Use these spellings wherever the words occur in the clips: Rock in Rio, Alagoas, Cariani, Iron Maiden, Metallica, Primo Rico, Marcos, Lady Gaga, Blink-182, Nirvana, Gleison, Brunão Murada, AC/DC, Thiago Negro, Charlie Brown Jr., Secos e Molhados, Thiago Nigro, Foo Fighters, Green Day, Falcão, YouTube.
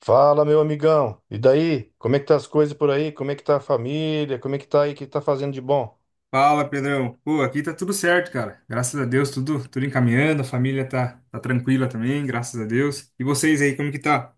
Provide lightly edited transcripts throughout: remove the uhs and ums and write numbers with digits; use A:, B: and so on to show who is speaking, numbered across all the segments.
A: Fala, meu amigão. E daí? Como é que tá as coisas por aí? Como é que tá a família? Como é que tá aí? O que tá fazendo de bom?
B: Fala, Pedrão. Pô, aqui tá tudo certo, cara. Graças a Deus, tudo encaminhando, a família tá tranquila também, graças a Deus. E vocês aí, como que tá?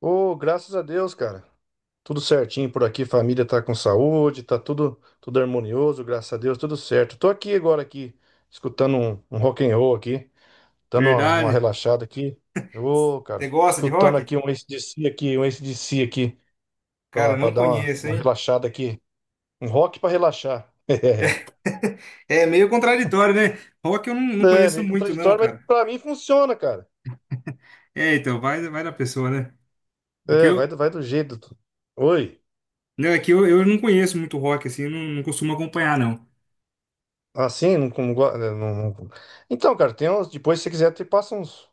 A: Ô, graças a Deus, cara. Tudo certinho por aqui, família tá com saúde, tá tudo harmonioso, graças a Deus, tudo certo. Tô aqui agora aqui, escutando um rock and roll aqui, dando uma
B: Verdade?
A: relaxada aqui. Ô,
B: Você
A: cara,
B: gosta de
A: escutando
B: rock?
A: aqui um AC/DC aqui, um AC/DC aqui, pra,
B: Cara,
A: pra
B: não
A: dar uma,
B: conheço,
A: uma
B: hein?
A: relaxada aqui. Um rock pra relaxar.
B: É meio contraditório, né? Rock eu não
A: É,
B: conheço
A: meio
B: muito, não,
A: contraditório, mas
B: cara.
A: pra mim funciona, cara.
B: É, então, vai da pessoa, né? É que
A: É, vai
B: eu,
A: do, vai do jeito. Oi.
B: não, é que eu não conheço muito rock, assim, eu não costumo acompanhar, não.
A: Assim, não- então, cara, tem uns. Depois, se você quiser, te passa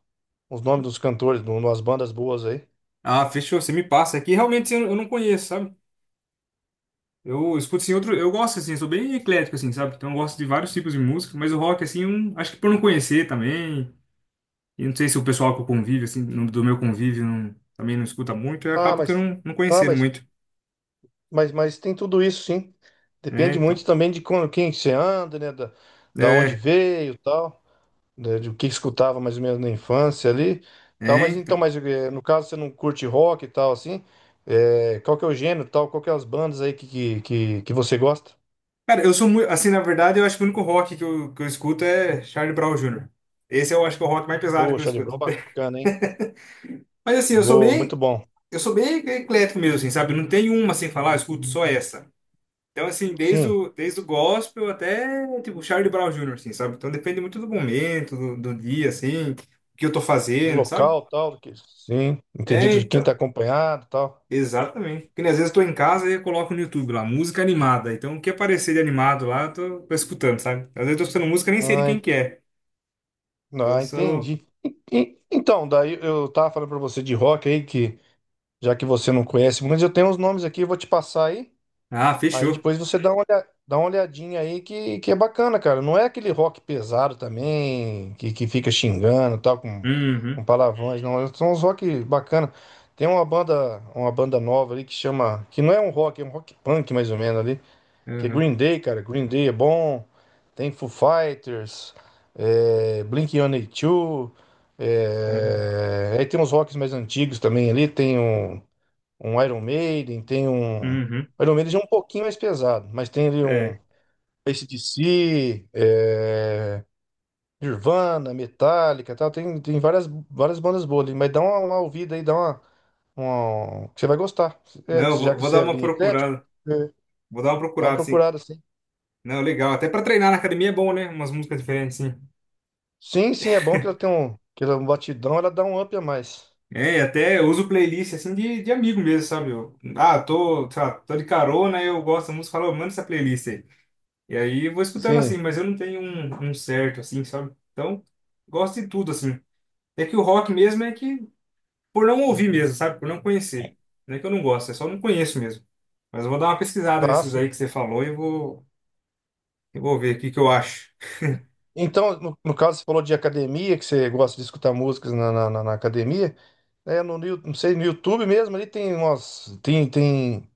A: uns nomes dos cantores, de umas bandas boas aí.
B: Ah, fechou, você me passa aqui. Realmente eu não conheço, sabe? Eu escuto assim outro, eu gosto assim, eu sou bem eclético assim, sabe? Então eu gosto de vários tipos de música, mas o rock assim, acho que por não conhecer também, e não sei se o pessoal que eu convivo assim, do meu convívio não- também não escuta muito, eu
A: Ah,
B: acabo que eu
A: mas.
B: não, não
A: Ah,
B: conhecendo
A: mas,
B: muito,
A: mas tem tudo isso, sim.
B: né?
A: Depende muito também de quando, quem que você anda, né? Da onde
B: É,
A: veio e tal. Né, de o que escutava mais ou menos na infância ali. Tal,
B: é,
A: mas então,
B: então.
A: mas no caso você não curte rock e tal, assim. Qual que é o gênero e tal? Qual que é as bandas aí que você gosta?
B: Cara, eu sou muito, assim, na verdade, eu acho que o único rock que eu escuto é Charlie Brown Jr. Esse eu acho que é o rock mais pesado
A: Ô,
B: que eu
A: Charlie
B: escuto.
A: Brown, é bacana, hein?
B: Mas assim, eu sou
A: Boa, muito
B: bem,
A: bom.
B: eu sou bem eclético mesmo, assim, sabe? Não tem uma sem falar, "Ah, eu escuto só essa". Então, assim, desde
A: Sim,
B: o, desde o gospel até, tipo, Charlie Brown Jr., assim, sabe? Então depende muito do momento, do dia, assim, o que eu tô
A: do
B: fazendo, sabe?
A: local, tal, do que... Sim,
B: É,
A: entendido de quem tá
B: então,
A: acompanhado, tal.
B: exatamente. Porque né, às vezes eu tô em casa e eu coloco no YouTube lá, música animada. Então, o que aparecer de animado lá, eu tô escutando, sabe? Às vezes eu tô escutando música e nem sei de
A: Ah,
B: quem
A: en-
B: que é. Então eu sou...
A: entendi. Então, daí eu tava falando pra você de rock aí, que, já que você não conhece muito, eu tenho uns nomes aqui, eu vou te passar aí.
B: Ah,
A: Aí
B: fechou.
A: depois você dá uma, dá uma olhadinha aí que é bacana, cara. Não é aquele rock pesado também, que fica xingando, e tal, com
B: Uhum,
A: palavrões, não. São uns rock bacana. Tem uma banda nova ali que chama, que não é um rock, é um rock punk mais ou menos ali. Que
B: uhum,
A: Green Day, cara, Green Day é bom, tem Foo Fighters, é, Blink-182,
B: uhum,
A: é, aí tem uns rocks mais antigos também ali, tem um, um Iron Maiden, tem um...
B: uhum,
A: Iron Maiden já é um pouquinho mais pesado, mas tem ali um
B: é.
A: AC/DC, é, Nirvana, Metallica, tal, tem, tem várias, várias bandas boas ali, mas dá uma ouvida aí, dá uma- que você vai gostar,
B: Não,
A: é,
B: eu
A: que já
B: vou,
A: que
B: vou
A: você
B: dar
A: é
B: uma
A: bem eclético,
B: procurada.
A: é,
B: Vou dar uma
A: dá uma
B: procurada, assim.
A: procurada, assim.
B: Não, legal. Até pra treinar na academia é bom, né? Umas músicas diferentes, sim.
A: Sim, sim, é bom que ela tem um, que ela é um batidão, ela dá um up a mais.
B: É, e até eu uso playlist assim de amigo mesmo, sabe? Eu, ah, tô, sei lá, tô de carona, eu gosto da música, falo, "Ô, manda essa playlist aí". E aí eu vou escutando assim,
A: Sim.
B: mas eu não tenho um certo, assim, sabe? Então, gosto de tudo, assim. É que o rock mesmo é que, Por não ouvir mesmo, sabe? Por não conhecer. Não é que eu não gosto, é só não conheço mesmo. Mas eu vou dar uma pesquisada
A: Ah,
B: nesses
A: sim.
B: aí que você falou e vou ver o que que eu acho.
A: Então, no, no caso, você falou de academia, que você gosta de escutar músicas na academia. É, no, não sei, no YouTube mesmo, ali tem umas. Tem,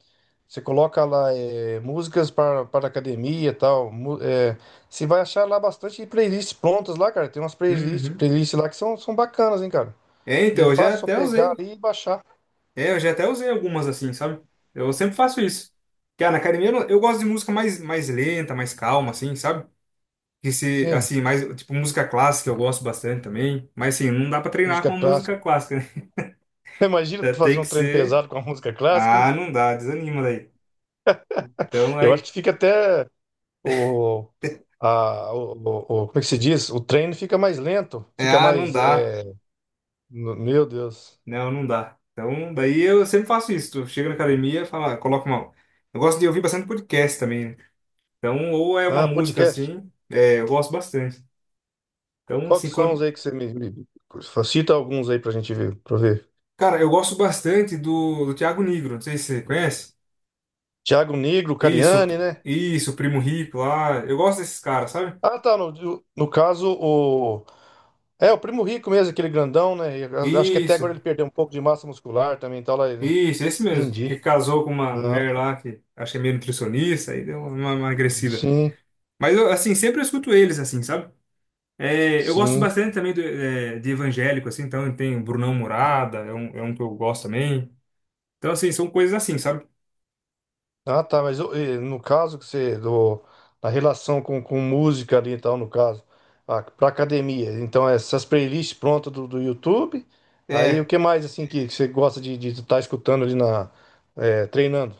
A: você coloca lá é, músicas para academia e tal. É, você vai achar lá bastante playlists prontas lá, cara. Tem umas playlists,
B: Uhum.
A: playlists lá que são, são bacanas, hein, cara.
B: É,
A: E
B: então,
A: é
B: eu já
A: fácil só
B: até
A: pegar
B: usei.
A: ali e baixar.
B: É, eu já até usei algumas assim, sabe? Eu sempre faço isso. Cara, na academia eu, não- eu gosto de música mais lenta, mais calma, assim, sabe? Que se,
A: Sim,
B: assim, mais, tipo, música clássica eu gosto bastante também. Mas, assim, não dá pra treinar com
A: música
B: uma música
A: clássica.
B: clássica, né?
A: Imagina
B: Já
A: tu fazer
B: tem
A: um
B: que
A: treino
B: ser.
A: pesado com a música clássica.
B: Ah, não dá, desanima daí. Então,
A: Eu acho
B: aí.
A: que fica até o, a, o, o- como é que se diz? O treino fica mais lento,
B: É,
A: fica
B: ah, não
A: mais,
B: dá.
A: é, meu Deus.
B: Não, não dá. Então, daí eu sempre faço isso. Eu chego na academia, falo, coloco uma. Eu gosto de ouvir bastante podcast também, né? Então, ou é uma
A: Ah,
B: música
A: podcast.
B: assim, é, eu gosto bastante. Então,
A: Qual
B: assim,
A: que são os
B: quando.
A: aí que você cita alguns aí pra gente ver, pra ver.
B: Cara, eu gosto bastante do Thiago Nigro, não sei se você conhece.
A: Thiago Negro,
B: Isso,
A: Cariani, né?
B: isso, o Primo Rico lá. Eu gosto desses caras, sabe?
A: Ah, tá, no caso o é o Primo Rico mesmo, aquele grandão, né? Acho que até
B: Isso,
A: agora ele perdeu um pouco de massa muscular também, e tal lá.
B: isso, esse mesmo. Que
A: Entendi.
B: casou com uma
A: Ah,
B: mulher lá que acho que é meio nutricionista e deu uma emagrecida.
A: sim,
B: Mas eu, assim, sempre eu escuto eles, assim, sabe? É, eu gosto
A: sim.
B: bastante também é, de evangélico, assim, então tem o Brunão Murada, é um que eu gosto também. Então, assim, são coisas assim, sabe?
A: Ah, tá, mas ô, no caso que você do, na relação com música ali e tal, no caso, a, pra academia. Então, essas playlists prontas do YouTube. Aí
B: É,
A: o que mais assim que você gosta de estar escutando ali na treinando?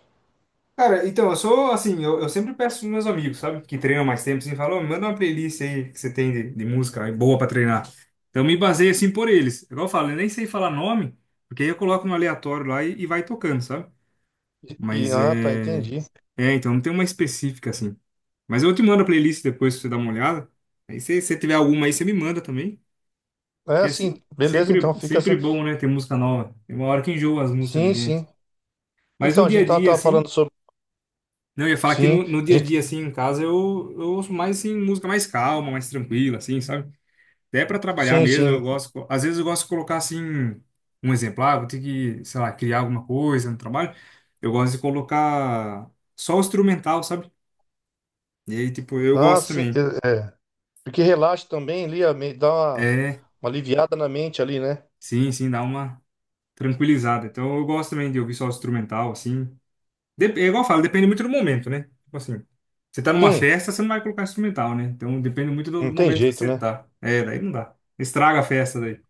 B: cara, então, eu sou assim, eu sempre peço pros meus amigos, sabe? Que treinam mais tempo, assim, falam, "Ô, manda uma playlist aí que você tem de música aí, boa pra treinar". Então, eu me baseio assim por eles. Igual eu falo, eu nem sei falar nome, porque aí eu coloco no aleatório lá e vai tocando, sabe? Mas
A: Tá,
B: é.
A: entendi.
B: É, então, não tem uma específica assim. Mas eu te mando a playlist depois pra você dar uma olhada. Aí, se você tiver alguma aí, você me manda também.
A: É
B: Que é
A: assim, beleza, então fica
B: sempre
A: assim.
B: bom, né, ter música nova. Tem uma hora que enjoa as músicas da
A: Sim,
B: gente.
A: sim.
B: Mas
A: Então,
B: no
A: a
B: dia
A: gente
B: a dia,
A: tava falando
B: assim.
A: sobre.
B: Não, eu ia falar que
A: Sim,
B: no
A: a
B: dia a
A: gente.
B: dia, assim, em casa, eu ouço mais, assim, música mais calma, mais tranquila, assim, sabe? Até para trabalhar
A: Sim,
B: mesmo, eu
A: sim.
B: gosto... Às vezes eu gosto de colocar, assim, um exemplo. Ah, vou ter que, sei lá, criar alguma coisa no trabalho. Eu gosto de colocar só o instrumental, sabe? E aí, tipo, eu
A: Ah,
B: gosto
A: sim.
B: também.
A: É, é. Porque relaxa também ali, dá
B: É,
A: uma aliviada na mente ali, né?
B: sim, sim, dá uma tranquilizada. Então, eu gosto também de ouvir só o instrumental, assim. É igual eu falo, depende muito do momento, né? Tipo assim, você tá numa
A: Sim,
B: festa, você não vai colocar instrumental, né? Então depende muito do
A: não tem
B: momento que
A: jeito,
B: você
A: né?
B: tá. É, daí não dá. Estraga a festa daí.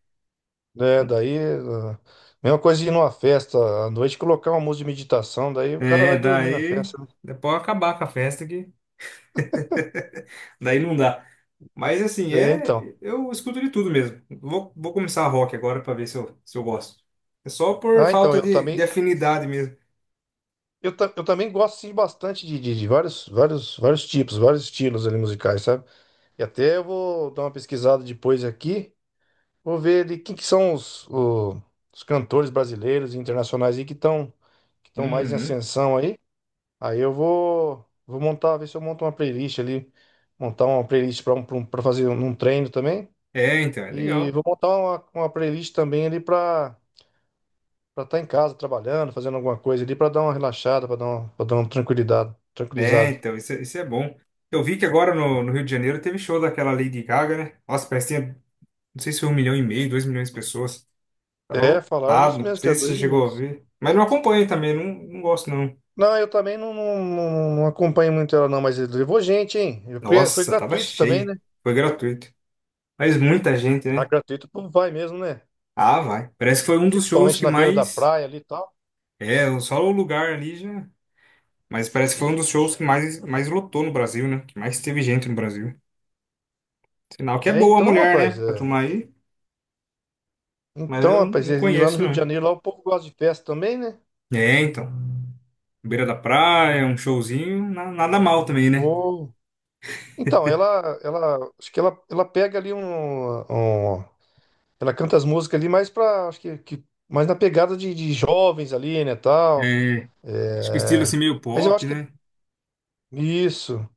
A: É, daí, mesma coisa de ir numa festa à noite, colocar uma música de meditação, daí o cara
B: É,
A: vai dormir na
B: daí.
A: festa, né?
B: Depois acabar com a festa que. Daí não dá. Mas assim,
A: É,
B: é.
A: então.
B: Eu escuto de tudo mesmo. Vou começar rock agora pra ver se eu gosto. É só por
A: Ah, então,
B: falta
A: eu
B: de
A: também,
B: afinidade mesmo.
A: eu também gosto sim, bastante de vários, vários tipos, vários estilos ali musicais, sabe? E até eu vou dar uma pesquisada depois aqui, vou ver de quem que são os cantores brasileiros e internacionais aí que estão, que estão mais em
B: Uhum.
A: ascensão aí. Aí eu vou, vou montar, ver se eu monto uma playlist ali, montar uma playlist para um, pra fazer um um treino também.
B: É, então, é
A: E
B: legal.
A: vou montar uma playlist também ali para, para estar tá em casa, trabalhando, fazendo alguma coisa ali, para dar uma relaxada, para dar uma, pra dar uma tranquilidade,
B: É,
A: tranquilizado.
B: então, isso, isso é bom. Eu vi que agora no Rio de Janeiro teve show daquela Lady Gaga, né? Nossa, parecia. Não sei se foi um milhão e meio, dois milhões de pessoas. Tava
A: É, falaram
B: lotado.
A: isso
B: Não
A: mesmo, que
B: sei
A: era
B: se
A: dois
B: você chegou a
A: minutos.
B: ver. Mas não acompanho também, não, não gosto não.
A: Não, eu também não acompanho muito ela, não, mas ele levou gente, hein? Porque foi
B: Nossa, tava
A: gratuito também,
B: cheia.
A: né?
B: Foi gratuito. Mas muita gente,
A: Na
B: né?
A: gratuito, o povo vai mesmo, né?
B: Ah, vai. Parece que foi um dos shows
A: Principalmente
B: que
A: na beira da
B: mais.
A: praia ali e tal.
B: É, só o lugar ali já. Mas parece que foi um dos shows que mais lotou no Brasil, né? Que mais teve gente no Brasil. Sinal que é boa a mulher, né? Pra
A: É.
B: turma aí. Mas
A: Então,
B: eu
A: rapaz,
B: não
A: e lá no
B: conheço,
A: Rio de
B: não.
A: Janeiro, lá o povo gosta de festa também, né?
B: É, então. Beira da praia, um showzinho. Nada mal também, né?
A: Ou... Então, acho que ela pega ali um, um, ela canta as músicas ali mais pra, acho que mais na pegada de jovens ali, né, tal.
B: É,
A: É,
B: acho que o estilo assim meio
A: mas eu
B: pop,
A: acho que
B: né?
A: isso.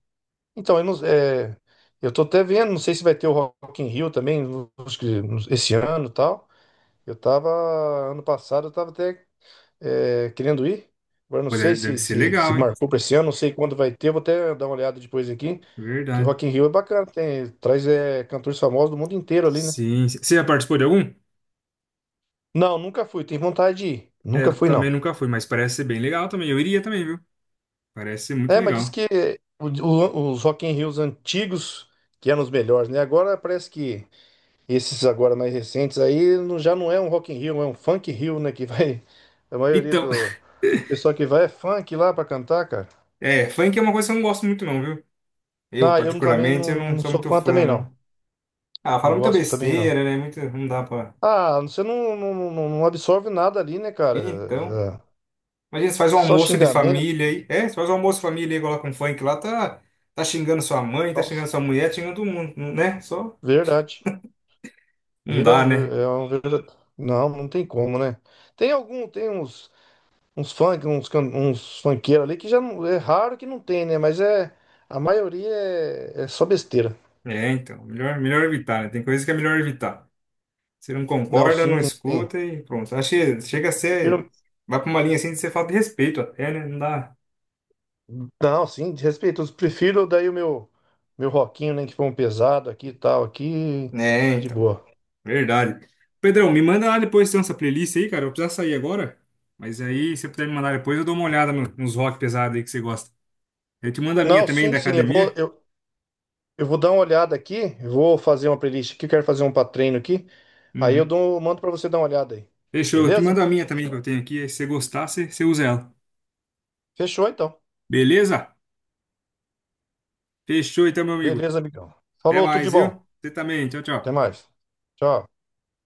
A: Então, eu não, é, eu tô até vendo, não sei se vai ter o Rock in Rio também, acho que esse ano, e tal. Eu tava ano passado, eu tava até é, querendo ir. Agora não
B: Pô,
A: sei
B: deve, deve ser
A: se
B: legal, hein?
A: marcou para esse ano, não sei quando vai ter, eu vou até dar uma olhada depois aqui.
B: É
A: Que
B: verdade.
A: Rock in Rio é bacana, tem, traz é, cantores famosos do mundo inteiro ali, né?
B: Sim. Você já participou de algum?
A: Não, nunca fui, tenho vontade de ir.
B: É,
A: Nunca
B: eu
A: fui,
B: também
A: não.
B: nunca fui, mas parece ser bem legal também. Eu iria também, viu? Parece ser muito
A: É, mas diz
B: legal.
A: que os Rock in Rios antigos que eram os melhores, né? Agora parece que esses agora mais recentes aí já não é um Rock in Rio, é um Funk Rio, né? Que vai... A maioria
B: Então,
A: do pessoal que vai é funk lá pra cantar, cara.
B: é, funk é uma coisa que eu não gosto muito não, viu? Eu,
A: Não, eu também
B: particularmente,
A: não,
B: eu não
A: não
B: sou
A: sou
B: muito
A: fã
B: fã,
A: também, não.
B: não. Ah,
A: Não
B: fala muita
A: gosto também, não.
B: besteira, né? Muito, não dá pra...
A: Ah, você não absorve nada ali, né, cara?
B: Então...
A: É,
B: Imagina, você faz um
A: só
B: almoço de
A: xingamento.
B: família aí. É, você faz um almoço de família aí, coloca um funk lá, tá xingando sua mãe, tá xingando
A: Nossa,
B: sua mulher, tá xingando todo mundo, né? Só...
A: verdade.
B: Não
A: Vira
B: dá,
A: um...
B: né?
A: É um... não, não tem como, né? Tem algum, tem uns... uns funk, uns, uns funkeiros ali que já não, é raro que não tem, né? Mas é a maioria é, é só besteira.
B: É, então. Melhor evitar, né? Tem coisas que é melhor evitar. Você não
A: Não,
B: concorda,
A: sim,
B: não
A: tem, tem.
B: escuta e pronto. Acho que chega a ser.
A: Prefiro,
B: Vai pra uma linha assim de ser falta de respeito até, né? Não dá.
A: não, sim, de respeito. Prefiro daí o meu rockinho, né, que foi um pesado aqui e tal, aqui
B: É,
A: de
B: então.
A: boa.
B: Verdade. Pedrão, me manda lá depois se tem essa playlist aí, cara. Eu vou precisar sair agora. Mas aí, se você puder me mandar depois, eu dou uma olhada nos rock pesado aí que você gosta. Eu te mando a minha
A: Não,
B: também
A: sim,
B: da
A: sim,
B: academia.
A: eu vou dar uma olhada aqui, eu vou fazer uma playlist aqui, eu quero fazer um pra treino aqui. Aí eu
B: Uhum.
A: dou, mando pra você dar uma olhada aí.
B: Fechou. Eu te mando
A: Beleza?
B: a minha também que eu tenho aqui. Aí, se você gostar, você usa ela.
A: Fechou então.
B: Beleza? Fechou então, meu amigo.
A: Beleza, amigão.
B: Até
A: Falou, tudo de
B: mais,
A: bom.
B: viu? Você também. Tchau,
A: Até
B: tchau.
A: mais. Tchau.